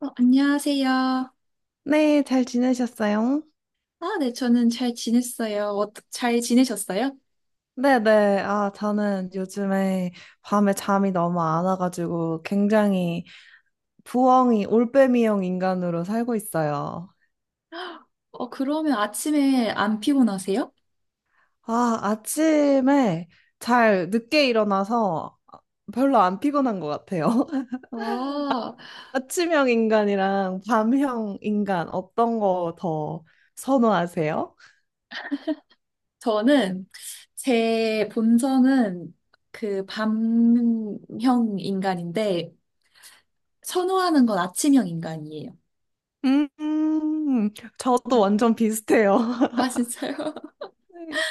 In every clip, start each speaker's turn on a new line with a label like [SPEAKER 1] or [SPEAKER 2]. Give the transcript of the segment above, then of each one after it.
[SPEAKER 1] 안녕하세요.
[SPEAKER 2] 네, 잘 지내셨어요?
[SPEAKER 1] 네, 저는 잘 지냈어요. 잘 지내셨어요?
[SPEAKER 2] 네네. 아, 저는 요즘에 밤에 잠이 너무 안 와가지고 굉장히 부엉이, 올빼미형 인간으로 살고 있어요.
[SPEAKER 1] 그러면 아침에 안 피곤하세요?
[SPEAKER 2] 아, 아침에 잘 늦게 일어나서 별로 안 피곤한 것 같아요.
[SPEAKER 1] 아,
[SPEAKER 2] 아침형 인간이랑 밤형 인간 어떤 거 더 선호하세요?
[SPEAKER 1] 저는 제 본성은 그 밤형 인간인데 선호하는 건 아침형 인간이에요.
[SPEAKER 2] 음, 음, 저도
[SPEAKER 1] 네.
[SPEAKER 2] 완전 비슷해요.
[SPEAKER 1] 진짜요?
[SPEAKER 2] 네.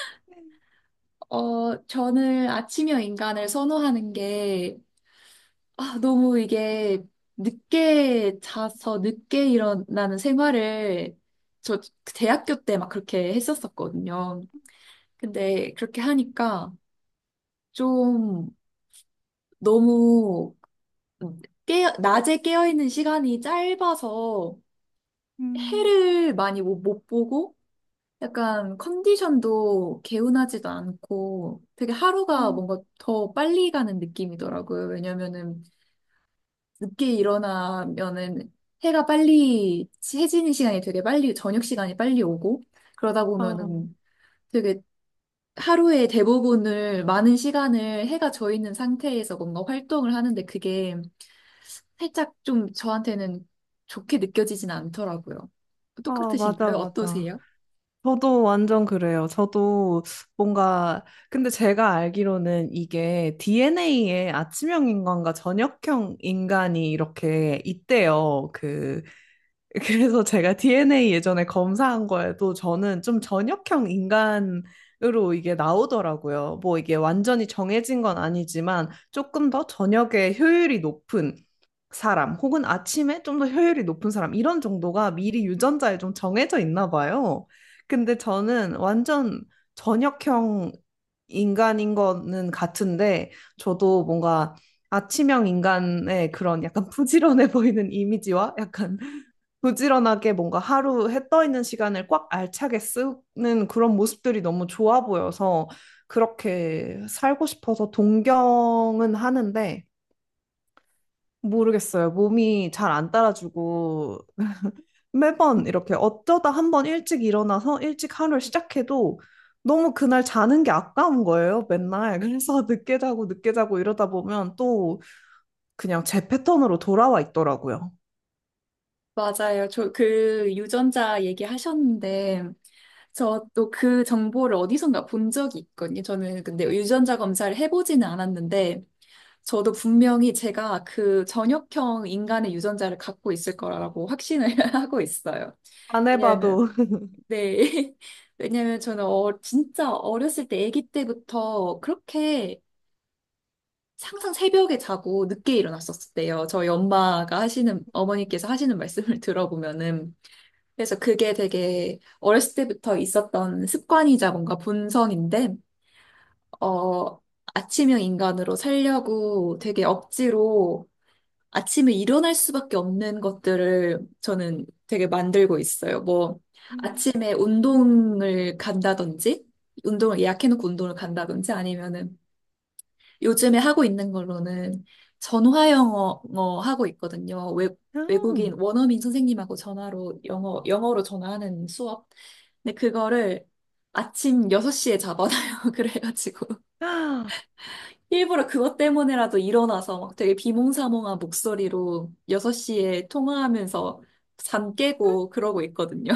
[SPEAKER 1] 저는 아침형 인간을 선호하는 게 너무 이게 늦게 자서 늦게 일어나는 생활을 저 대학교 때 막 그렇게 했었었거든요. 근데 그렇게 하니까 좀 너무 낮에 깨어있는 시간이 짧아서
[SPEAKER 2] 음.
[SPEAKER 1] 해를 많이 못 보고 약간 컨디션도 개운하지도 않고 되게 하루가
[SPEAKER 2] 음,
[SPEAKER 1] 뭔가 더 빨리 가는 느낌이더라고요. 왜냐면은 늦게 일어나면은 해가 빨리 해지는 시간이 되게 빨리 저녁 시간이 빨리 오고 그러다
[SPEAKER 2] 음.
[SPEAKER 1] 보면은 되게 하루의 대부분을 많은 시간을 해가 져 있는 상태에서 뭔가 활동을 하는데 그게 살짝 좀 저한테는 좋게 느껴지진 않더라고요.
[SPEAKER 2] 아, 맞아,
[SPEAKER 1] 똑같으신가요?
[SPEAKER 2] 맞아.
[SPEAKER 1] 어떠세요?
[SPEAKER 2] 저도 완전 그래요. 저도 뭔가, 근데 제가 알기로는 이게 DNA에 아침형 인간과 저녁형 인간이 이렇게 있대요. 그래서 제가 DNA 예전에 검사한 거에도 저는 좀 저녁형 인간으로 이게 나오더라고요. 뭐 이게 완전히 정해진 건 아니지만 조금 더 저녁에 효율이 높은 사람 혹은 아침에 좀 더 효율이 높은 사람 이런 정도가 미리 유전자에 좀 정해져 있나 봐요. 근데 저는 완전 저녁형 인간인 거는 같은데 저도 뭔가 아침형 인간의 그런 약간 부지런해 보이는 이미지와 약간 부지런하게 뭔가 하루 해 떠 있는 시간을 꽉 알차게 쓰는 그런 모습들이 너무 좋아 보여서 그렇게 살고 싶어서 동경은 하는데 모르겠어요. 몸이 잘 안 따라주고 매번 이렇게 어쩌다 한번 일찍 일어나서 일찍 하루를 시작해도 너무 그날 자는 게 아까운 거예요, 맨날. 그래서 늦게 자고 늦게 자고 이러다 보면 또 그냥 제 패턴으로 돌아와 있더라고요.
[SPEAKER 1] 맞아요. 저 그 유전자 얘기하셨는데 저 또 그 정보를 어디선가 본 적이 있거든요. 저는 근데 유전자 검사를 해보지는 않았는데 저도 분명히 제가 그 전역형 인간의 유전자를 갖고 있을 거라고 확신을 하고 있어요.
[SPEAKER 2] 안
[SPEAKER 1] 왜냐하면,
[SPEAKER 2] 해봐도.
[SPEAKER 1] 네. 왜냐하면 저는 진짜 어렸을 때, 아기 때부터 그렇게 항상 새벽에 자고 늦게 일어났었대요. 저희 어머니께서 하시는 말씀을 들어보면은. 그래서 그게 되게 어렸을 때부터 있었던 습관이자 뭔가 본성인데, 어, 아침형 인간으로 살려고 되게 억지로 아침에 일어날 수밖에 없는 것들을 저는 되게 만들고 있어요. 뭐, 아침에 운동을 간다든지, 운동을 예약해놓고 운동을 간다든지, 아니면은 요즘에 하고 있는 걸로는 전화 영어 하고 있거든요. 외국인
[SPEAKER 2] 음.
[SPEAKER 1] 원어민 선생님하고 전화로 영어로 전화하는 수업. 근데 그거를 아침 6시에 잡아놔요. 그래가지고.
[SPEAKER 2] 아,
[SPEAKER 1] 일부러 그것 때문에라도 일어나서 막 되게 비몽사몽한 목소리로 6시에 통화하면서 잠 깨고 그러고 있거든요.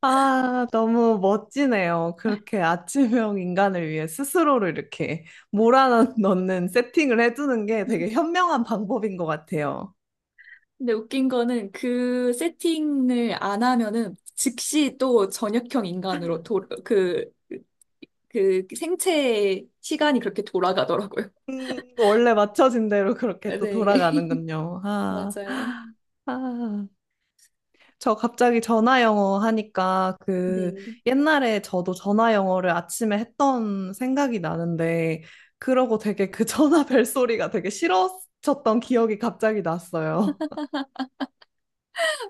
[SPEAKER 2] 아, 너무 멋지네요. 그렇게 아침형 인간을 위해 스스로를 이렇게 몰아넣는 세팅을 해두는 게 되게 현명한 방법인 것 같아요.
[SPEAKER 1] 근데 웃긴 거는 그 세팅을 안 하면은 즉시 또 전역형 인간으로 그 생체의 시간이 그렇게 돌아가더라고요.
[SPEAKER 2] 원래 맞춰진 대로 그렇게 또
[SPEAKER 1] 네.
[SPEAKER 2] 돌아가는군요. 아,
[SPEAKER 1] 맞아요.
[SPEAKER 2] 아. 저 갑자기 전화 영어 하니까
[SPEAKER 1] 네.
[SPEAKER 2] 옛날에 저도 전화 영어를 아침에 했던 생각이 나는데 그러고 되게 그 전화 벨 소리가 되게 싫어졌던 기억이 갑자기 났어요.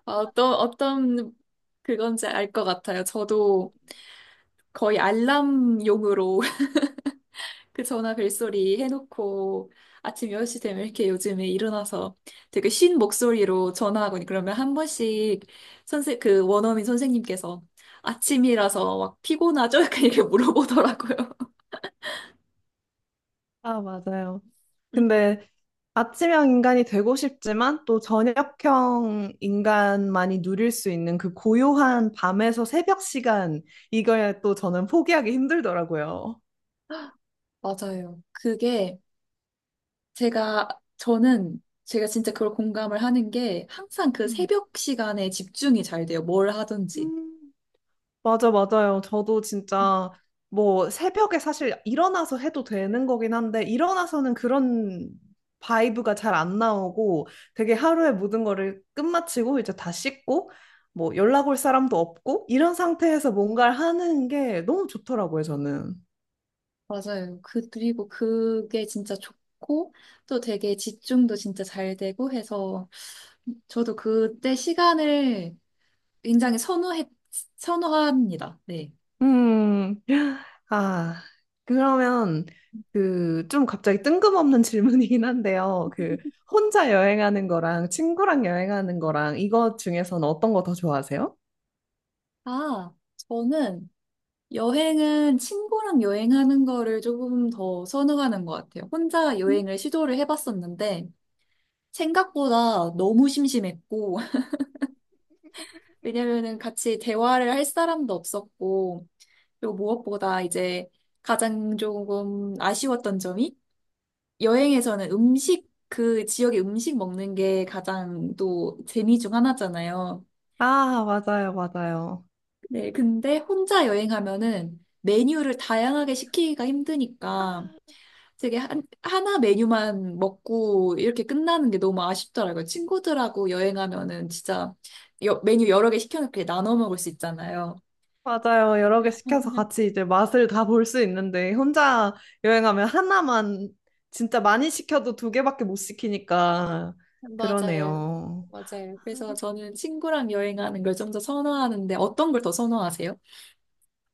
[SPEAKER 1] 어떤 그건지 알 것 같아요. 저도 거의 알람용으로 그 전화 벨소리 해놓고 아침 1시 되면 이렇게 요즘에 일어나서 되게 쉰 목소리로 전화하거니 그러면 한 번씩 선생 그 원어민 선생님께서 아침이라서 막 피곤하죠? 약간 이렇게 물어보더라고요.
[SPEAKER 2] 아, 맞아요. 근데 아침형 인간이 되고 싶지만 또 저녁형 인간만이 누릴 수 있는 그 고요한 밤에서 새벽 시간, 이걸 또 저는 포기하기 힘들더라고요.
[SPEAKER 1] 맞아요. 그게 제가 저는 제가 진짜 그걸 공감을 하는 게 항상 그
[SPEAKER 2] 음.
[SPEAKER 1] 새벽 시간에 집중이 잘 돼요. 뭘 하든지.
[SPEAKER 2] 음. 맞아, 맞아요. 저도 진짜 뭐 새벽에 사실 일어나서 해도 되는 거긴 한데, 일어나서는 그런 바이브가 잘 안 나오고, 되게 하루의 모든 거를 끝마치고, 이제 다 씻고, 뭐 연락 올 사람도 없고, 이런 상태에서 뭔가를 하는 게 너무 좋더라고요, 저는.
[SPEAKER 1] 맞아요. 그리고 그게 진짜 좋고, 또 되게 집중도 진짜 잘 되고 해서 저도 그때 시간을 굉장히 선호합니다. 네.
[SPEAKER 2] 음, 아, 그러면 그 좀 갑자기 뜬금없는 질문이긴 한데요. 그 혼자 여행하는 거랑 친구랑 여행하는 거랑 이거 중에서는 어떤 거 더 좋아하세요?
[SPEAKER 1] 아, 저는 여행은 친구랑 여행하는 거를 조금 더 선호하는 것 같아요. 혼자
[SPEAKER 2] 음?
[SPEAKER 1] 여행을 시도를 해봤었는데, 생각보다 너무 심심했고, 왜냐면은 같이 대화를 할 사람도 없었고, 그리고 무엇보다 이제 가장 조금 아쉬웠던 점이 여행에서는 그 지역의 음식 먹는 게 가장 또 재미 중 하나잖아요.
[SPEAKER 2] 아, 맞아요, 맞아요.
[SPEAKER 1] 네, 근데 혼자 여행하면은 메뉴를 다양하게 시키기가 힘드니까 되게 하나 메뉴만 먹고 이렇게 끝나는 게 너무 아쉽더라고요. 친구들하고 여행하면은 진짜 메뉴 여러 개 시켜놓고 나눠 먹을 수 있잖아요.
[SPEAKER 2] 맞아요. 여러 개 시켜서 같이 이제 맛을 다 볼 수 있는데 혼자 여행하면 하나만 진짜 많이 시켜도 두 개밖에 못 시키니까
[SPEAKER 1] 맞아요.
[SPEAKER 2] 그러네요.
[SPEAKER 1] 맞아요. 그래서 저는 친구랑 여행하는 걸 좀 더 선호하는데 어떤 걸 더 선호하세요?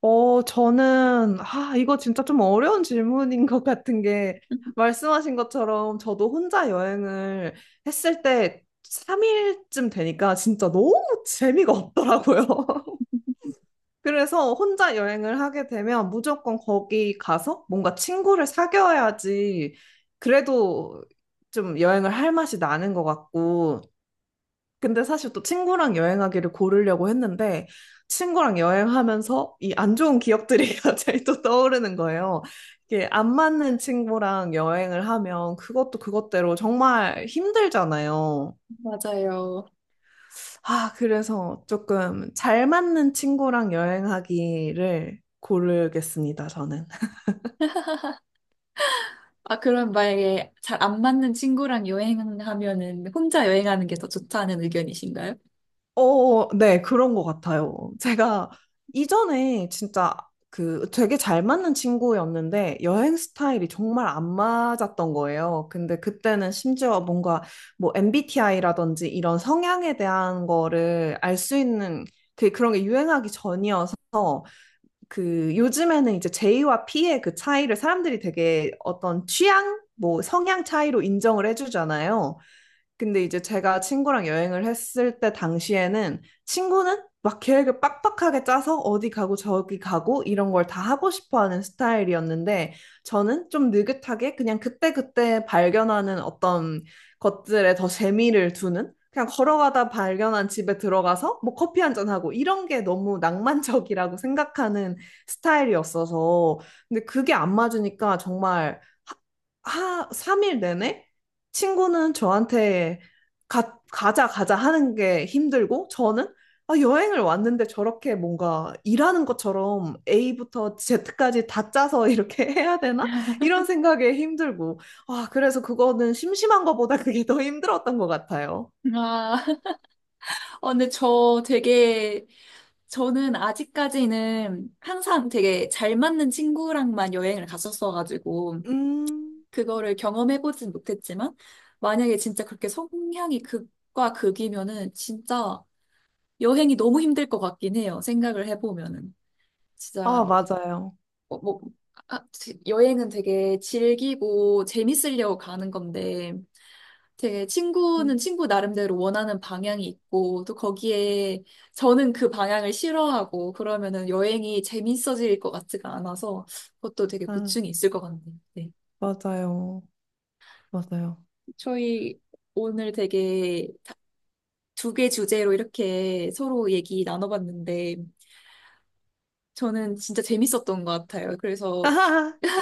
[SPEAKER 2] 어, 저는, 아, 이거 진짜 좀 어려운 질문인 것 같은 게, 말씀하신 것처럼 저도 혼자 여행을 했을 때 3일쯤 되니까 진짜 너무 재미가 없더라고요. 그래서 혼자 여행을 하게 되면 무조건 거기 가서 뭔가 친구를 사귀어야지 그래도 좀 여행을 할 맛이 나는 것 같고, 근데 사실 또 친구랑 여행하기를 고르려고 했는데 친구랑 여행하면서 이 안 좋은 기억들이 갑자기 또 떠오르는 거예요. 이게 안 맞는 친구랑 여행을 하면 그것도 그것대로 정말 힘들잖아요.
[SPEAKER 1] 맞아요.
[SPEAKER 2] 아, 그래서 조금 잘 맞는 친구랑 여행하기를 고르겠습니다, 저는.
[SPEAKER 1] 그럼 만약에 잘 안 맞는 친구랑 여행하면은 혼자 여행하는 게 더 좋다는 의견이신가요?
[SPEAKER 2] 어, 네, 그런 것 같아요. 제가 이전에 진짜 그 되게 잘 맞는 친구였는데 여행 스타일이 정말 안 맞았던 거예요. 근데 그때는 심지어 뭔가 뭐 MBTI라든지 이런 성향에 대한 거를 알 수 있는 그런 게 유행하기 전이어서 그 요즘에는 이제 J와 P의 그 차이를 사람들이 되게 어떤 취향, 뭐 성향 차이로 인정을 해주잖아요. 근데 이제 제가 친구랑 여행을 했을 때 당시에는 친구는 막 계획을 빡빡하게 짜서 어디 가고 저기 가고 이런 걸 다 하고 싶어 하는 스타일이었는데 저는 좀 느긋하게 그냥 그때그때 발견하는 어떤 것들에 더 재미를 두는 그냥 걸어가다 발견한 집에 들어가서 뭐 커피 한 잔하고 이런 게 너무 낭만적이라고 생각하는 스타일이었어서 근데 그게 안 맞으니까 정말 하, 3일 내내 친구는 저한테 가, 가자, 가자 하는 게 힘들고, 저는 아, 여행을 왔는데 저렇게 뭔가 일하는 것처럼 A부터 Z까지 다 짜서 이렇게 해야 되나? 이런 생각에 힘들고. 아, 그래서 그거는 심심한 것보다 그게 더 힘들었던 것 같아요.
[SPEAKER 1] 아, 근데 저는 아직까지는 항상 되게 잘 맞는 친구랑만 여행을 갔었어가지고,
[SPEAKER 2] 음,
[SPEAKER 1] 그거를 경험해보진 못했지만, 만약에 진짜 그렇게 성향이 극과 극이면은 진짜 여행이 너무 힘들 것 같긴 해요. 생각을 해보면은.
[SPEAKER 2] 아,
[SPEAKER 1] 진짜
[SPEAKER 2] 맞아요.
[SPEAKER 1] 뭐, 여행은 되게 즐기고 재밌으려고 가는 건데, 되게 친구는
[SPEAKER 2] 음,
[SPEAKER 1] 친구 나름대로 원하는 방향이 있고, 또 거기에 저는 그 방향을 싫어하고, 그러면은 여행이 재밌어질 것 같지가 않아서, 그것도 되게
[SPEAKER 2] 아,
[SPEAKER 1] 고충이 있을 것 같네요. 네.
[SPEAKER 2] 맞아요. 맞아요.
[SPEAKER 1] 저희 오늘 되게 두 개 주제로 이렇게 서로 얘기 나눠봤는데, 저는 진짜 재밌었던 것 같아요. 그래서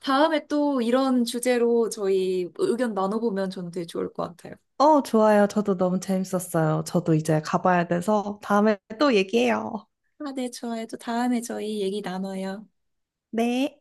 [SPEAKER 1] 다음에 또 이런 주제로 저희 의견 나눠보면 저는 되게 좋을 것 같아요.
[SPEAKER 2] 어, 좋아요. 저도 너무 재밌었어요. 저도 이제 가봐야 돼서 다음에 또 얘기해요.
[SPEAKER 1] 네, 좋아요. 또 다음에 저희 얘기 나눠요.
[SPEAKER 2] 네.